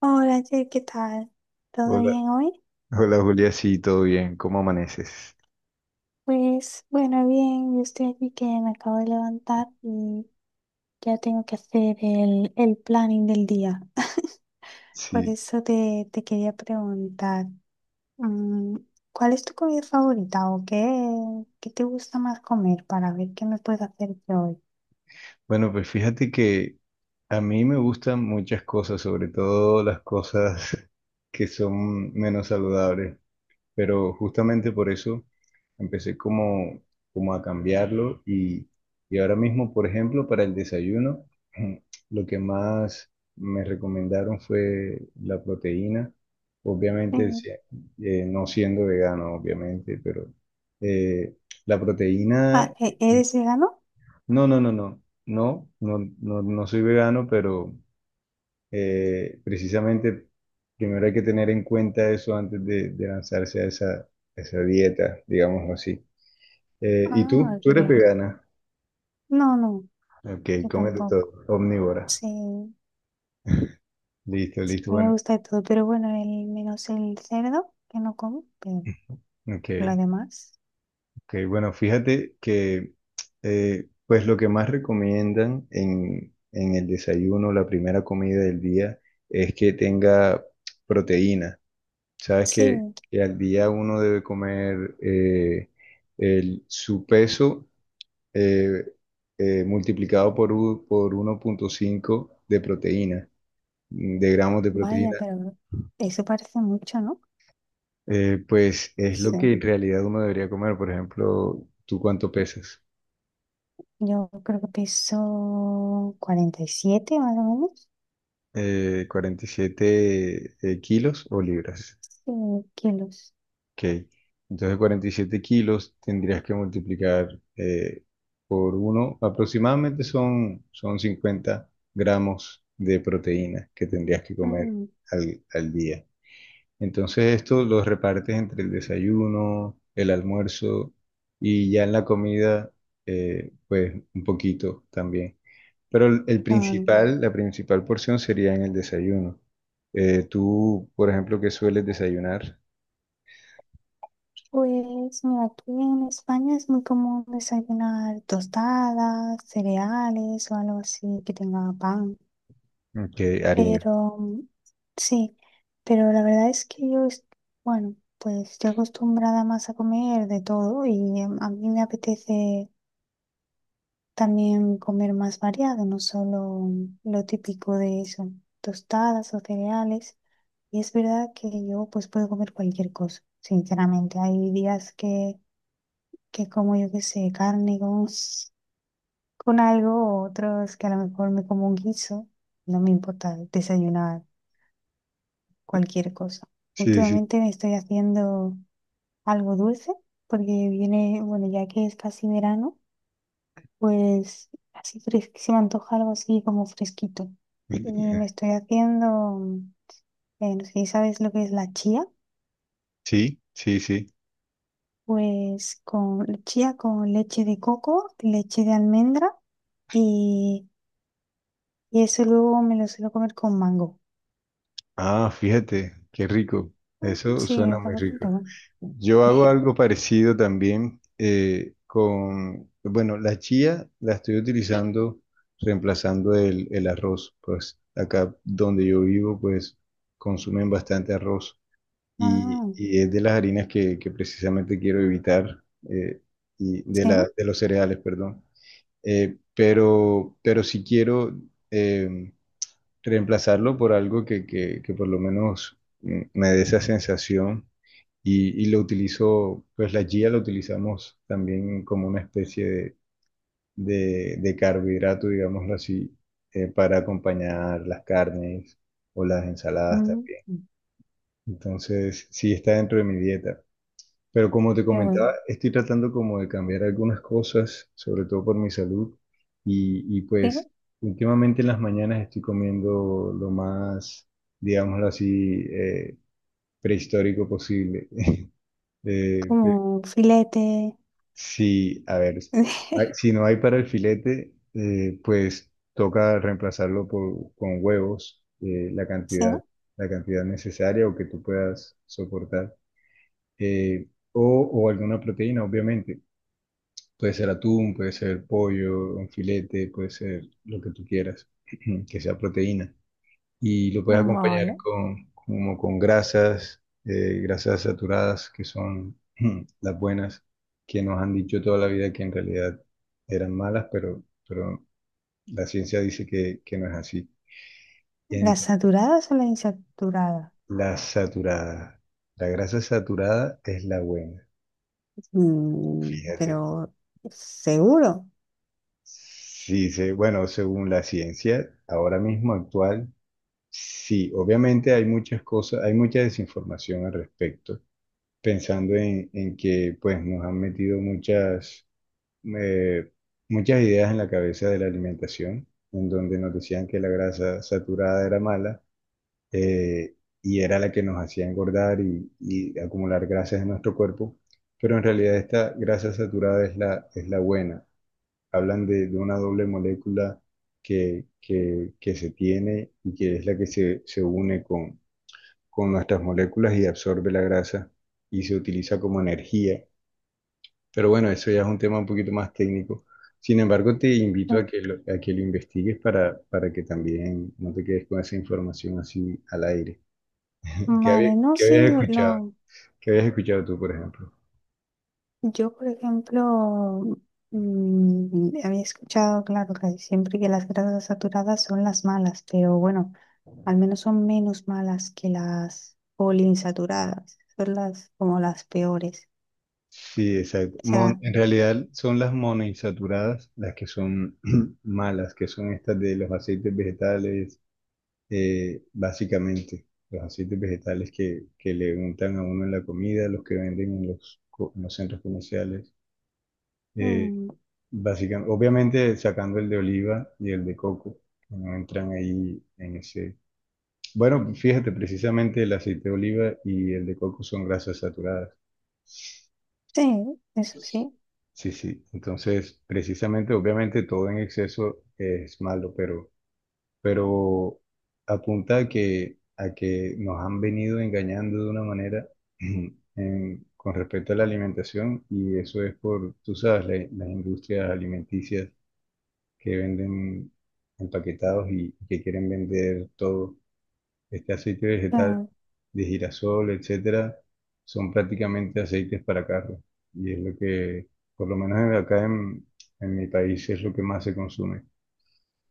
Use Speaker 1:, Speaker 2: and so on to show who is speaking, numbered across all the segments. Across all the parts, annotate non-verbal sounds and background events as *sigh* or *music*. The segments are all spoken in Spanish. Speaker 1: Hola, Jay, ¿qué tal? ¿Todo
Speaker 2: Hola,
Speaker 1: bien hoy?
Speaker 2: hola Julia, sí, todo bien, ¿cómo amaneces?
Speaker 1: Pues bueno, bien, yo estoy aquí que me acabo de levantar y ya tengo que hacer el planning del día. *laughs* Por
Speaker 2: Sí,
Speaker 1: eso te quería preguntar, mm, ¿cuál es tu comida favorita o qué te gusta más comer para ver qué me puedes hacer yo hoy?
Speaker 2: bueno, pues fíjate que a mí me gustan muchas cosas, sobre todo las cosas *laughs* que son menos saludables. Pero justamente por eso empecé como a cambiarlo y ahora mismo, por ejemplo, para el desayuno, *clears throat* lo que más me recomendaron fue la proteína, obviamente
Speaker 1: Mm.
Speaker 2: no siendo vegano, obviamente, pero eh, la proteína.
Speaker 1: Ah, ¿¿eres vegano?
Speaker 2: No, no soy vegano, pero precisamente, primero hay que tener en cuenta eso antes de lanzarse a a esa dieta, digámoslo así. ¿Y tú?
Speaker 1: Ah,
Speaker 2: ¿Tú eres
Speaker 1: claro.
Speaker 2: vegana?
Speaker 1: No, no,
Speaker 2: Ok,
Speaker 1: yo
Speaker 2: cómete todo,
Speaker 1: tampoco.
Speaker 2: omnívora.
Speaker 1: Sí.
Speaker 2: Listo, listo,
Speaker 1: Me
Speaker 2: bueno.
Speaker 1: gusta de todo, pero bueno, el menos el cerdo, que no como, pero
Speaker 2: Ok,
Speaker 1: lo demás,
Speaker 2: ok, bueno, fíjate que pues lo que más recomiendan en el desayuno, la primera comida del día, es que tenga proteína. Sabes
Speaker 1: sí,
Speaker 2: que al día uno debe comer su peso eh, multiplicado por, por 1.5 de proteína, de gramos de
Speaker 1: vaya,
Speaker 2: proteína.
Speaker 1: pero eso parece mucho, ¿no?
Speaker 2: Pues
Speaker 1: No
Speaker 2: es lo
Speaker 1: sé.
Speaker 2: que en realidad uno debería comer. Por ejemplo, ¿tú cuánto pesas?
Speaker 1: Yo creo que peso 47 más o menos,
Speaker 2: 47 kilos o libras.
Speaker 1: sí, kilos.
Speaker 2: Ok. Entonces 47 kilos tendrías que multiplicar eh, por uno, aproximadamente son, son 50 gramos de proteína que tendrías que comer
Speaker 1: Mm,
Speaker 2: al día. Entonces esto los repartes entre el desayuno, el almuerzo y ya en la comida, pues un poquito también. Pero el
Speaker 1: claro.
Speaker 2: principal, la principal porción sería en el desayuno. Tú, por ejemplo, ¿qué sueles desayunar?
Speaker 1: Pues mira, aquí en España es muy común desayunar tostadas, cereales o algo así que tenga pan.
Speaker 2: Ok, harina.
Speaker 1: Pero sí, pero la verdad es que bueno, pues estoy acostumbrada más a comer de todo y a mí me apetece también comer más variado, no solo lo típico de eso, tostadas o cereales. Y es verdad que yo pues puedo comer cualquier cosa, sinceramente. Hay días que como yo qué sé, carne con algo, otros que a lo mejor me como un guiso. No me importa desayunar cualquier cosa.
Speaker 2: Sí, sí.
Speaker 1: Últimamente me estoy haciendo algo dulce porque viene, bueno, ya que es casi verano, pues así se me antoja algo así como fresquito. Y
Speaker 2: *laughs*
Speaker 1: me estoy haciendo, no sé si sabes lo que es la chía,
Speaker 2: Sí, sí, sí.
Speaker 1: pues con chía con leche de coco, leche de almendra y, y eso luego me lo suelo comer con mango.
Speaker 2: Ah, fíjate, qué rico.
Speaker 1: Mm,
Speaker 2: Eso
Speaker 1: sí,
Speaker 2: suena
Speaker 1: está
Speaker 2: muy rico.
Speaker 1: bastante bueno.
Speaker 2: Yo hago
Speaker 1: *laughs*
Speaker 2: algo parecido también con, bueno, la chía la estoy utilizando reemplazando el arroz. Pues acá donde yo vivo, pues consumen bastante arroz
Speaker 1: Ah,
Speaker 2: y es de las harinas que precisamente quiero evitar eh,
Speaker 1: sí.
Speaker 2: de los cereales, perdón. Pero si quiero, em, reemplazarlo por algo que por lo menos me dé esa sensación y lo utilizo. Pues la chía la utilizamos también como una especie de carbohidrato, digámoslo así, para acompañar las carnes o las ensaladas
Speaker 1: Mm,
Speaker 2: también. Entonces, sí está dentro de mi dieta. Pero como te
Speaker 1: qué bueno.
Speaker 2: comentaba, estoy tratando como de cambiar algunas cosas, sobre todo por mi salud. Y
Speaker 1: Sí.
Speaker 2: pues últimamente en las mañanas estoy comiendo lo más, digámoslo así, prehistórico posible. *laughs* Eh, pe-
Speaker 1: Como un filete.
Speaker 2: sí, a ver,
Speaker 1: *laughs*
Speaker 2: si no hay para el filete, pues toca reemplazarlo con huevos,
Speaker 1: Sí,
Speaker 2: la cantidad necesaria o que tú puedas soportar. O alguna proteína, obviamente. Puede ser atún, puede ser pollo, un filete, puede ser lo que tú quieras, *clears throat* que sea proteína. Y lo puedes acompañar
Speaker 1: vale.
Speaker 2: con, como con grasas, grasas saturadas, que son *clears throat* las buenas, que nos han dicho toda la vida que en realidad eran malas, pero la ciencia dice que no es así.
Speaker 1: ¿Las
Speaker 2: Entonces,
Speaker 1: saturadas o las insaturadas?
Speaker 2: la saturada. La grasa saturada es la buena,
Speaker 1: Mm,
Speaker 2: fíjate.
Speaker 1: pero seguro.
Speaker 2: Sí, se- bueno, según la ciencia, ahora mismo actual. Sí, obviamente hay muchas cosas, hay mucha desinformación al respecto, pensando en que pues nos han metido muchas, eh, muchas ideas en la cabeza de la alimentación, en donde nos decían que la grasa saturada era mala eh, y era la que nos hacía engordar y acumular grasas en nuestro cuerpo, pero en realidad esta grasa saturada es es la buena. Hablan de una doble molécula que se tiene y que es la que se une con nuestras moléculas y absorbe la grasa y se utiliza como energía. Pero bueno, eso ya es un tema un poquito más técnico. Sin embargo, te invito a
Speaker 1: Ah,
Speaker 2: que a que lo investigues para que también no te quedes con esa información así al aire.
Speaker 1: vale, no,
Speaker 2: ¿Qué
Speaker 1: sí,
Speaker 2: habías escuchado? ¿Qué habías escuchado tú, por ejemplo?
Speaker 1: yo por ejemplo había escuchado, claro, que siempre que las grasas saturadas son las malas, pero bueno, al menos son menos malas que las poliinsaturadas, son las como las peores.
Speaker 2: Sí, exacto.
Speaker 1: O sea,
Speaker 2: En realidad son las monoinsaturadas las que son *clears throat* malas, que son estas de los aceites vegetales, básicamente, los aceites vegetales que le untan a uno en la comida, los que venden en en los centros comerciales, eh,
Speaker 1: mm,
Speaker 2: básicamente, obviamente sacando el de oliva y el de coco, que no entran ahí en ese... Bueno, fíjate, precisamente el aceite de oliva y el de coco son grasas saturadas.
Speaker 1: sí, eso sí.
Speaker 2: Sí, sí. Entonces, precisamente, obviamente todo en exceso es malo, pero apunta a que nos han venido engañando de una manera *clears throat* en- con respecto a la alimentación, y eso es por, tú sabes, las industrias alimenticias que venden empaquetados y que quieren vender todo. Este aceite vegetal
Speaker 1: Claro.
Speaker 2: de girasol, etcétera, son prácticamente aceites para carros y es lo que, por lo menos acá en mi país, es lo que más se consume.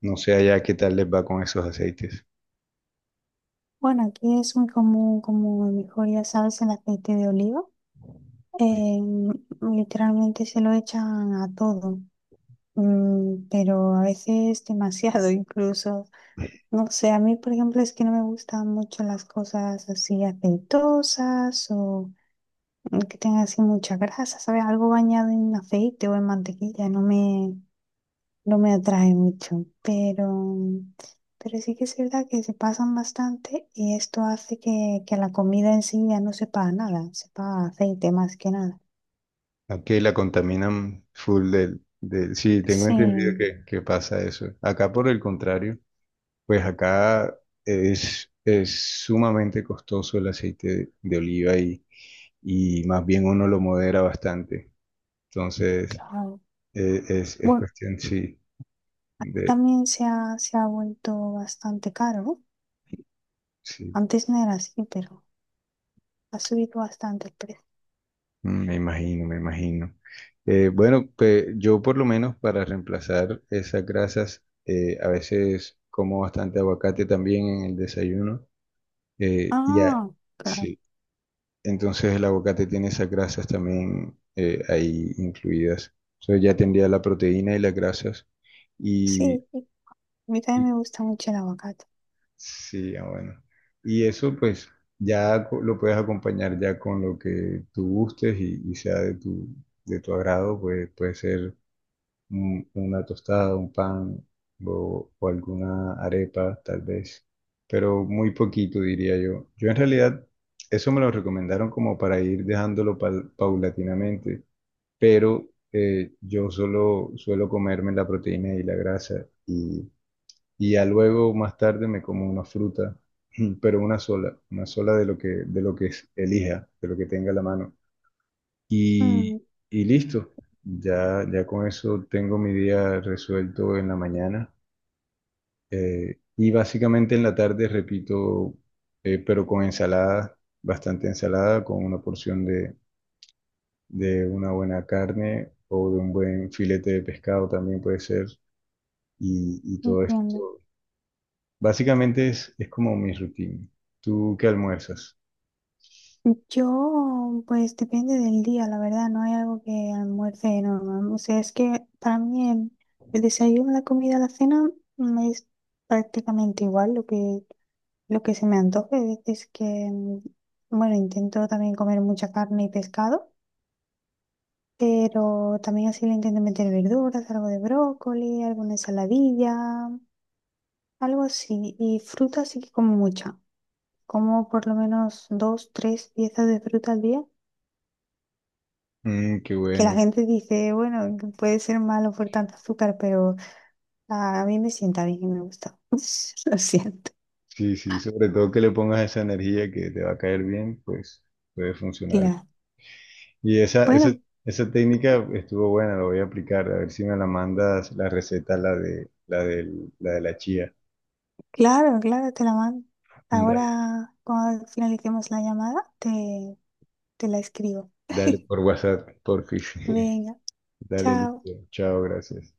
Speaker 2: No sé allá qué tal les va con esos aceites.
Speaker 1: Bueno, aquí es muy común, como a lo mejor ya sabes, el aceite de oliva. Eh, literalmente se lo echan a todo. Mm, pero a veces demasiado *laughs* incluso. No sé, a mí por ejemplo es que no me gustan mucho las cosas así aceitosas o que tengan así mucha grasa, ¿sabes? Algo bañado en aceite o en mantequilla, no me atrae mucho, pero sí que es verdad que se pasan bastante y esto hace que la comida en sí ya no sepa a nada, sepa a aceite más que nada.
Speaker 2: Aquí la contaminan full Sí, tengo entendido
Speaker 1: Sí,
Speaker 2: que pasa eso. Acá por el contrario, pues acá es sumamente costoso el aceite de oliva y más bien uno lo modera bastante. Entonces,
Speaker 1: claro.
Speaker 2: es
Speaker 1: Bueno,
Speaker 2: cuestión, sí, de...
Speaker 1: también se ha vuelto bastante caro, ¿no?
Speaker 2: Sí,
Speaker 1: Antes no era así, pero ha subido bastante el precio.
Speaker 2: mm, me imagino, me imagino. Bueno, pues yo por lo menos para reemplazar esas grasas, a veces como bastante aguacate también en el desayuno. Eh, y a-
Speaker 1: Ah, claro.
Speaker 2: sí, entonces el aguacate tiene esas grasas también ahí incluidas. Entonces ya tendría la proteína y las grasas. Y,
Speaker 1: Sí, a mí
Speaker 2: y-
Speaker 1: también me gusta mucho el aguacate.
Speaker 2: sí, ah, bueno. Y eso pues ya lo puedes acompañar ya con lo que tú gustes y sea de tu agrado, pues puede ser una tostada, un pan o alguna arepa, tal vez, pero muy poquito, diría yo. Yo en realidad eso me lo recomendaron como para ir dejándolo paulatinamente, pero yo solo suelo comerme la proteína y la grasa y ya luego más tarde me como una fruta, *clears throat* pero una sola de lo que elija, de lo que tenga a la mano. Y,
Speaker 1: Mm,
Speaker 2: y listo, ya, ya con eso tengo mi día resuelto en la mañana. Y básicamente en la tarde repito, pero con ensalada, bastante ensalada, con una porción de una buena carne o de un buen filete de pescado también puede ser. Y todo
Speaker 1: entiendo.
Speaker 2: esto. Básicamente es como mi rutina. ¿Tú qué almuerzas?
Speaker 1: Yo, pues depende del día, la verdad, no hay algo que almuerce normal. O sea, es que para mí el desayuno, la comida, la cena me es prácticamente igual lo que se me antoje. Hay veces que, bueno, intento también comer mucha carne y pescado, pero también así le intento meter verduras, algo de brócoli, alguna ensaladilla, algo así. Y fruta sí que como mucha. Como por lo menos dos, tres piezas de fruta al día.
Speaker 2: Mm, qué
Speaker 1: Que la
Speaker 2: bueno.
Speaker 1: gente dice, bueno, que puede ser malo por tanto azúcar, pero a mí me sienta bien y me gusta. *laughs* Lo siento.
Speaker 2: Sí, sí, sobre todo que le pongas esa energía que te va a caer bien, pues puede funcionar.
Speaker 1: Claro.
Speaker 2: Y esa, esa,
Speaker 1: Bueno,
Speaker 2: esa técnica estuvo buena, la voy a aplicar. A ver si me la mandas la receta, la de la, del, la de la chía.
Speaker 1: claro, claro, te la mando.
Speaker 2: Dale,
Speaker 1: Ahora, cuando finalicemos la llamada, te la escribo.
Speaker 2: dale
Speaker 1: *laughs*
Speaker 2: por WhatsApp, por *laughs* fish.
Speaker 1: Venga,
Speaker 2: Dale,
Speaker 1: chao.
Speaker 2: listo. Chao, gracias.